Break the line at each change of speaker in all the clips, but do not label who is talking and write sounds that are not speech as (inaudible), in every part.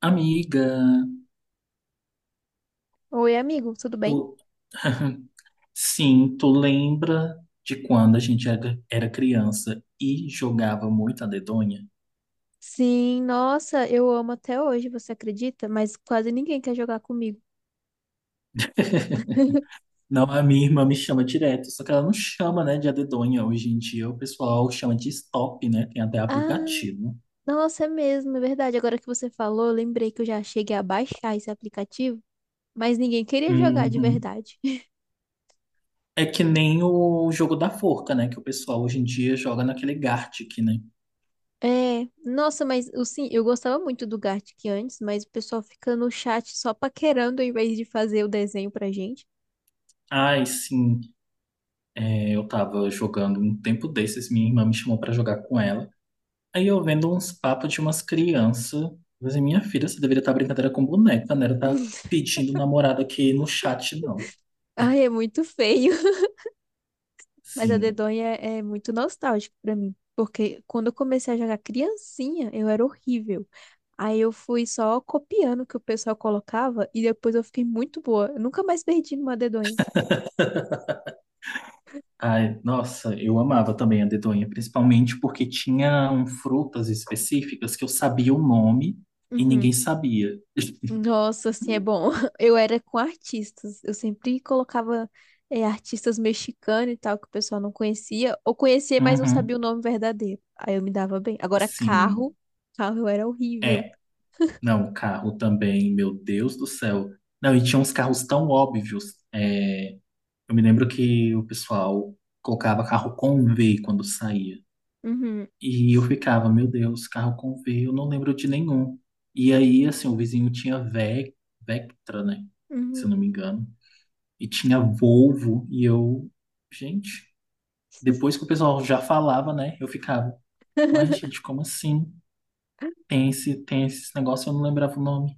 Amiga,
Oi, amigo, tudo bem?
tu... (laughs) Sim, tu lembra de quando a gente era criança e jogava muito a dedonha?
Sim, nossa, eu amo até hoje, você acredita? Mas quase ninguém quer jogar comigo. (laughs)
(laughs) Não, a minha irmã me chama direto, só que ela não chama, né, de a dedonha. Hoje em dia o pessoal chama de stop, né? Tem até
Ah,
aplicativo.
nossa, é mesmo, é verdade. Agora que você falou, eu lembrei que eu já cheguei a baixar esse aplicativo, mas ninguém queria jogar de
Uhum.
verdade. (laughs)
É que nem o jogo da forca, né? Que o pessoal hoje em dia joga naquele Gartic, né?
É, nossa, mas eu, sim, eu gostava muito do Gartic antes, mas o pessoal fica no chat só paquerando ao invés de fazer o desenho pra gente.
Ai, sim. É, eu tava jogando um tempo desses, minha irmã me chamou pra jogar com ela. Aí eu vendo uns papos de umas crianças. Mas minha filha, você deveria estar brincadeira com boneca, né? Ela tá
(laughs)
pedindo namorado aqui no chat, não.
Ai, é muito feio. Mas a
Sim.
dedonha é muito nostálgico pra mim, porque quando eu comecei a jogar criancinha, eu era horrível. Aí eu fui só copiando o que o pessoal colocava e depois eu fiquei muito boa. Eu nunca mais perdi numa dedonha.
Ai, nossa, eu amava também a dedonha, principalmente porque tinham frutas específicas que eu sabia o nome e
Uhum.
ninguém sabia. (laughs)
Nossa, assim, é bom. (laughs) Eu era com artistas. Eu sempre colocava artistas mexicanos e tal, que o pessoal não conhecia. Ou conhecia, mas não
Uhum,
sabia o nome verdadeiro. Aí eu me dava bem. Agora,
sim.
carro eu era horrível.
É, não, carro também, meu Deus do céu. Não, e tinha uns carros tão óbvios. É, eu me lembro que o pessoal colocava carro com V quando saía.
Uhum.
E eu ficava, meu Deus, carro com V, eu não lembro de nenhum. E aí, assim, o vizinho tinha Ve Vectra, né? Se
Uhum.
eu não me engano. E tinha Volvo, e eu, gente, depois que o pessoal já falava, né? Eu ficava, uai, gente, como assim? Tem esse negócio, eu não lembrava o nome.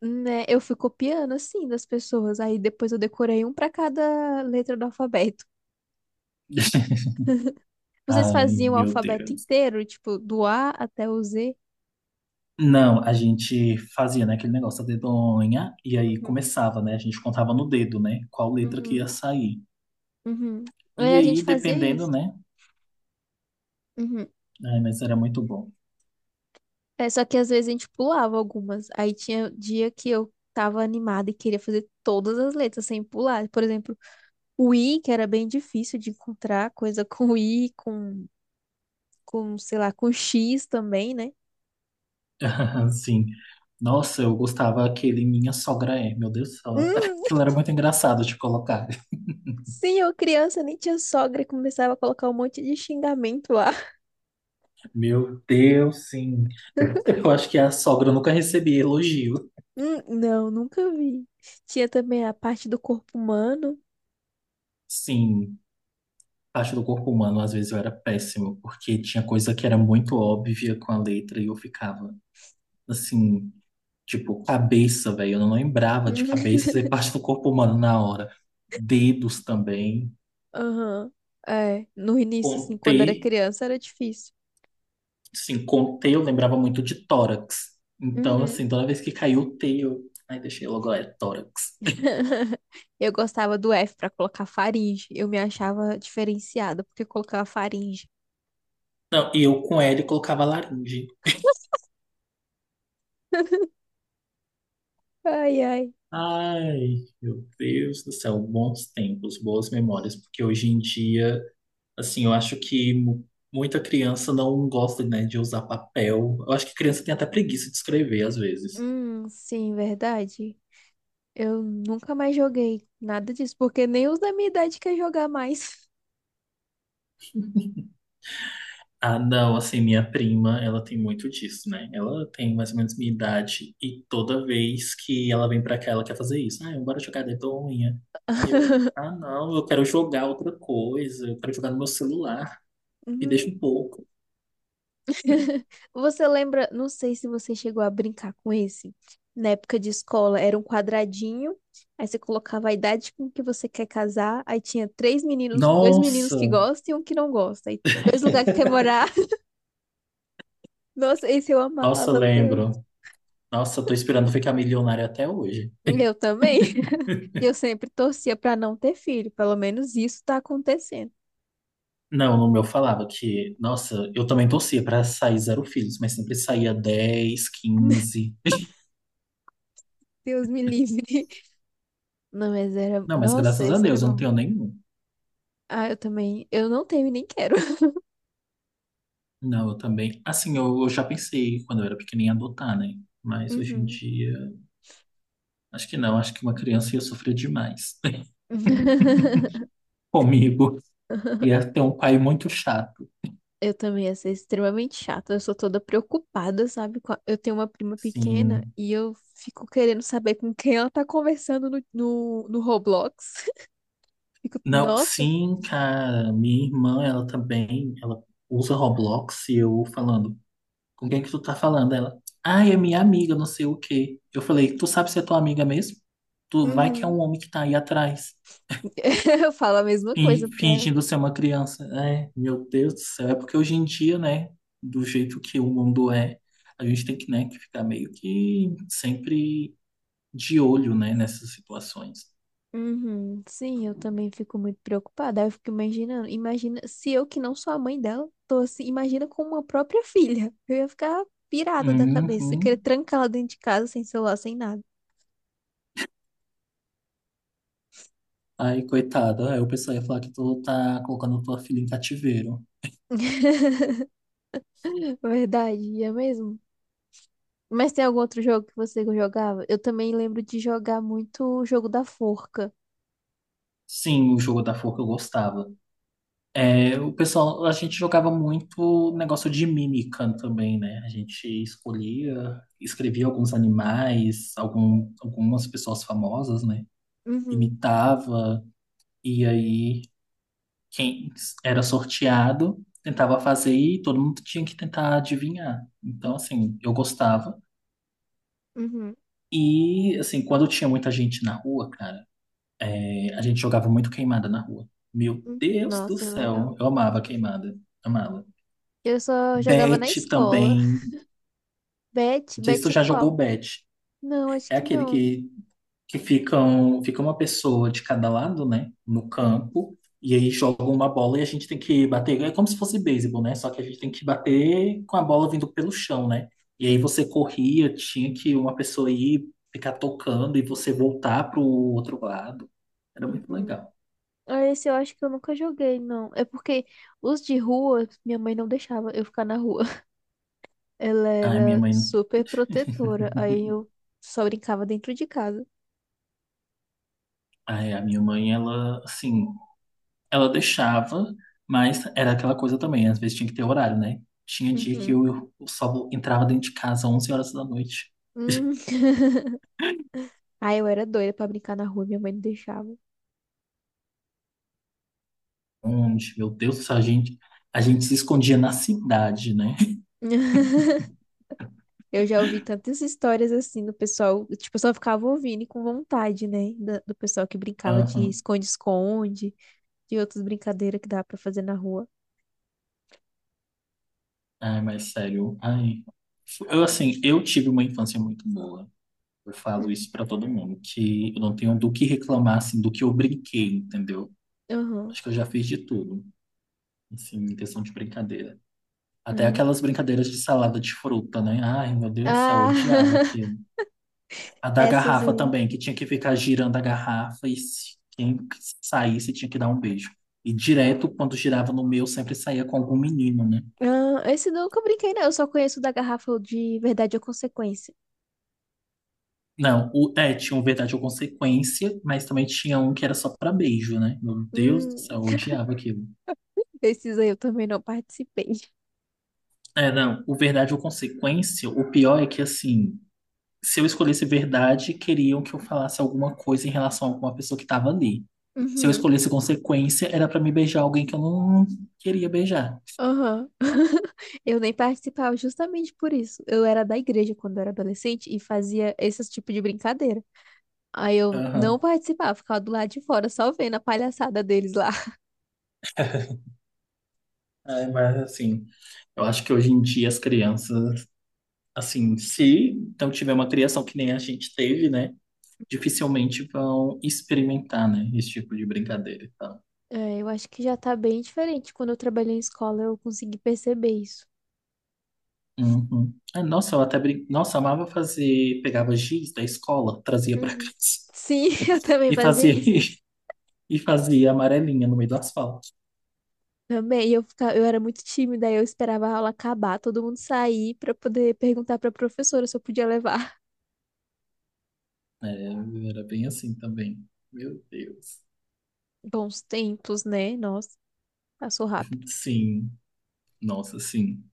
Né? Eu fui copiando, assim, das pessoas. Aí depois eu decorei um pra cada letra do alfabeto.
(laughs)
Vocês
Ai,
faziam o
meu
alfabeto
Deus.
inteiro, tipo, do A até o Z?
Não, a gente fazia, né, aquele negócio da dedonha, e aí
Uhum,
começava, né? A gente contava no dedo, né? Qual letra que
uhum,
ia sair.
uhum. Aí
E
a
aí,
gente fazia
dependendo,
isso.
né?
Uhum.
É, mas era muito bom.
É, só que às vezes a gente pulava algumas. Aí tinha dia que eu tava animada e queria fazer todas as letras sem pular. Por exemplo, o I, que era bem difícil de encontrar, coisa com I, sei lá, com X também, né?
(laughs) Sim. Nossa, eu gostava aquele Minha Sogra É. Meu Deus do céu. Aquilo era muito engraçado de colocar. (laughs)
Sim, eu criança nem tinha sogra e começava a colocar um monte de xingamento lá.
Meu Deus, sim.
(laughs)
Eu acho que a sogra nunca recebia elogio.
Não, nunca vi. Tinha também a parte do corpo humano.
Sim, parte do corpo humano às vezes eu era péssimo, porque tinha coisa que era muito óbvia com a letra e eu ficava assim, tipo, cabeça, velho. Eu não lembrava de
Uhum.
cabeça ser parte do corpo humano na hora. Dedos também.
Aham. É, no
Com
início, assim,
T,
quando era criança, era difícil.
assim, com T eu lembrava muito de tórax. Então,
Uhum.
assim, toda vez que caiu o T, eu. Ai, deixei logo, é tórax.
(laughs) Eu gostava do F pra colocar faringe. Eu me achava diferenciada porque eu colocava faringe.
Não, e eu com L colocava laringe.
(laughs) Ai, ai.
Ai, meu Deus do céu, bons tempos, boas memórias, porque hoje em dia, assim, eu acho que muita criança não gosta, né, de usar papel. Eu acho que criança tem até preguiça de escrever às vezes.
Sim, verdade. Eu nunca mais joguei nada disso, porque nem os da minha idade quer jogar mais.
Ah, não, assim, minha prima, ela tem muito disso, né? Ela tem mais ou menos minha idade e toda vez que ela vem pra cá, ela quer fazer isso. Ah, bora jogar dedonha. E eu, ah, não, eu quero jogar outra coisa, eu quero jogar no meu celular, me deixa um
(laughs)
pouco.
(laughs) Você lembra? Não sei se você chegou a brincar com esse. Na época de escola, era um quadradinho, aí você colocava a idade com que você quer casar, aí tinha três meninos, dois meninos
Nossa,
que gostam e um que não gosta, aí dois lugares que quer morar. (laughs) Nossa, esse eu
nossa,
amava tanto.
lembro. Nossa, tô esperando ficar milionária até hoje.
Eu também. (laughs) E eu sempre torcia pra não ter filho, pelo menos isso tá acontecendo.
Não, no meu falava que, nossa, eu também torcia pra sair zero filhos, mas sempre saía 10,
(laughs)
15.
Deus me livre. Não, mas era.
Não, mas
Nossa,
graças a
esse era
Deus eu não
bom.
tenho nenhum.
Ah, eu também. Eu não tenho e nem quero. (laughs)
Não, eu também. Assim, eu já pensei quando eu era pequenininha em adotar, né? Mas hoje em
Uhum.
dia, acho que não. Acho que uma criança ia sofrer demais
(laughs)
(laughs) comigo. Ia ter um pai muito chato.
Eu também ia ser extremamente chata. Eu sou toda preocupada, sabe? Com a- Eu tenho uma prima pequena
Sim.
e eu fico querendo saber com quem ela tá conversando no Roblox. (laughs) Fico,
Não,
nossa.
sim, cara. Minha irmã, ela também, ela usa Roblox e eu falando, com quem que tu tá falando? Ela, ah, é minha amiga, não sei o quê. Eu falei, tu sabe se é tua amiga mesmo? Tu vai que é um
Uhum.
homem que tá aí atrás.
(laughs) Eu falo a mesma coisa pra ela.
Fingindo ser uma criança. É, meu Deus do céu. É porque hoje em dia, né, do jeito que o mundo é, a gente tem que, né, que ficar meio que sempre de olho, né, nessas situações.
Uhum. Sim, eu também fico muito preocupada. Aí eu fico imaginando. Imagina se eu, que não sou a mãe dela, tô assim. Imagina com uma própria filha. Eu ia ficar pirada da cabeça, querer
Uhum.
trancar ela dentro de casa sem celular, sem nada.
Aí, coitada, aí o pessoal ia falar que tu tá colocando tua filha em cativeiro.
(laughs) Verdade, ia mesmo. Mas tem algum outro jogo que você jogava? Eu também lembro de jogar muito o jogo da forca.
Sim, o jogo da forca eu gostava. É, o pessoal, a gente jogava muito negócio de mímica também, né? A gente escolhia, escrevia alguns animais, algum, algumas pessoas famosas, né?
Uhum,
Imitava, e aí quem era sorteado tentava fazer e todo mundo tinha que tentar adivinhar.
uhum,
Então, assim, eu gostava.
uhum.
E, assim, quando tinha muita gente na rua, cara, a gente jogava muito queimada na rua. Meu
Uhum.
Deus do
Nossa, era
céu,
legal.
eu amava queimada, amava.
Eu só jogava na
Bet
escola.
também,
Bet,
não sei se
Bet
tu
é
já jogou
qual?
Bet.
Não, acho
É
que
aquele
não.
que fica uma pessoa de cada lado, né, no campo, e aí jogam uma bola e a gente tem que bater, é como se fosse beisebol, né, só que a gente tem que bater com a bola vindo pelo chão, né, e aí
Uhum,
você corria, tinha que uma pessoa ir ficar tocando e você voltar pro outro lado, era muito
uhum.
legal.
Ah, esse eu acho que eu nunca joguei, não. É porque os de rua, minha mãe não deixava eu ficar na rua. (laughs) Ela
Ai, minha
era
mãe,
super
(laughs)
protetora. Aí eu só brincava dentro de casa.
ai, a minha mãe, ela, assim, ela deixava, mas era aquela coisa também, às vezes tinha que ter horário, né. Tinha dia que
Uhum.
eu só entrava dentro de casa às 11 horas da noite.
Hum. (laughs) Aí eu era doida pra brincar na rua, minha mãe não deixava.
Onde, meu Deus, a gente se escondia na cidade, né?
(laughs) Eu já ouvi tantas histórias assim do pessoal, tipo, eu só ficava ouvindo e com vontade, né? Da- Do pessoal que brincava de
Aham.
esconde-esconde, de outras brincadeiras que dá pra fazer na rua.
Ai, mas sério, ai. Eu, assim, eu tive uma infância muito boa. Eu falo
Hum,
isso pra todo mundo, que eu não tenho do que reclamar, assim, do que eu brinquei, entendeu?
Aham.
Acho que eu já fiz de tudo, assim, em questão de brincadeira. Até
Ai.
aquelas brincadeiras de salada de fruta, né? Ai, meu Deus do céu, eu odiava
Ah, (laughs)
aquilo. A da
essas
garrafa
aí.
também, que tinha que ficar girando a garrafa e se quem saísse tinha que dar um beijo. E direto, quando girava no meu, sempre saía com algum menino, né?
Ah, esse nunca eu brinquei, não. Eu só conheço o da garrafa de verdade ou consequência.
Não, o, é, tinha um verdade ou consequência, mas também tinha um que era só pra beijo, né? Meu Deus do céu,
Hum,
eu
(laughs)
odiava aquilo.
esses aí eu também não participei.
É, não, o verdade ou consequência, o pior é que, assim, se eu escolhesse verdade, queriam que eu falasse alguma coisa em relação a alguma pessoa que tava ali. Se eu
Uhum.
escolhesse consequência, era pra me beijar alguém que eu não queria beijar.
Aham. (laughs) Eu nem participava justamente por isso. Eu era da igreja quando eu era adolescente e fazia esse tipo de brincadeira. Aí eu não
Aham.
participava, ficava do lado de fora, só vendo a palhaçada deles lá. (laughs)
É, mas assim, eu acho que hoje em dia as crianças, assim, se não tiver uma criação que nem a gente teve, né, dificilmente vão experimentar, né, esse tipo de brincadeira e tal.
É, eu acho que já tá bem diferente. Quando eu trabalhei em escola, eu consegui perceber isso.
Uhum. Ah, nossa, eu até nossa, amava fazer, pegava giz da escola, trazia pra (laughs)
Uhum.
casa
Sim, (laughs) eu também
e
fazia
fazia
isso.
(laughs) e fazia amarelinha no meio do asfalto.
Também, eu ficava, eu era muito tímida, aí eu esperava a aula acabar, todo mundo sair pra poder perguntar pra professora se eu podia levar. (laughs)
É, era bem assim também. Meu Deus.
Bons tempos, né? Nossa, passou rápido.
Sim, nossa, sim.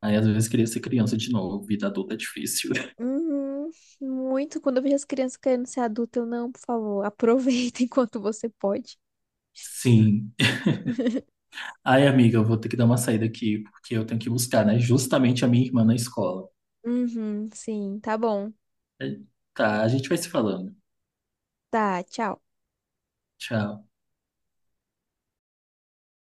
Aí às vezes queria ser criança de novo, vida adulta é difícil.
Uhum, muito. Quando eu vejo as crianças querendo ser adulta, eu não, por favor, aproveita (laughs) enquanto você pode.
(laughs) Sim. Ai, amiga, eu vou ter que dar uma saída aqui, porque eu tenho que buscar, né? Justamente a minha irmã na escola.
Uhum, sim, tá bom.
É, tá, a gente vai se falando.
Tá, tchau.
Tchau.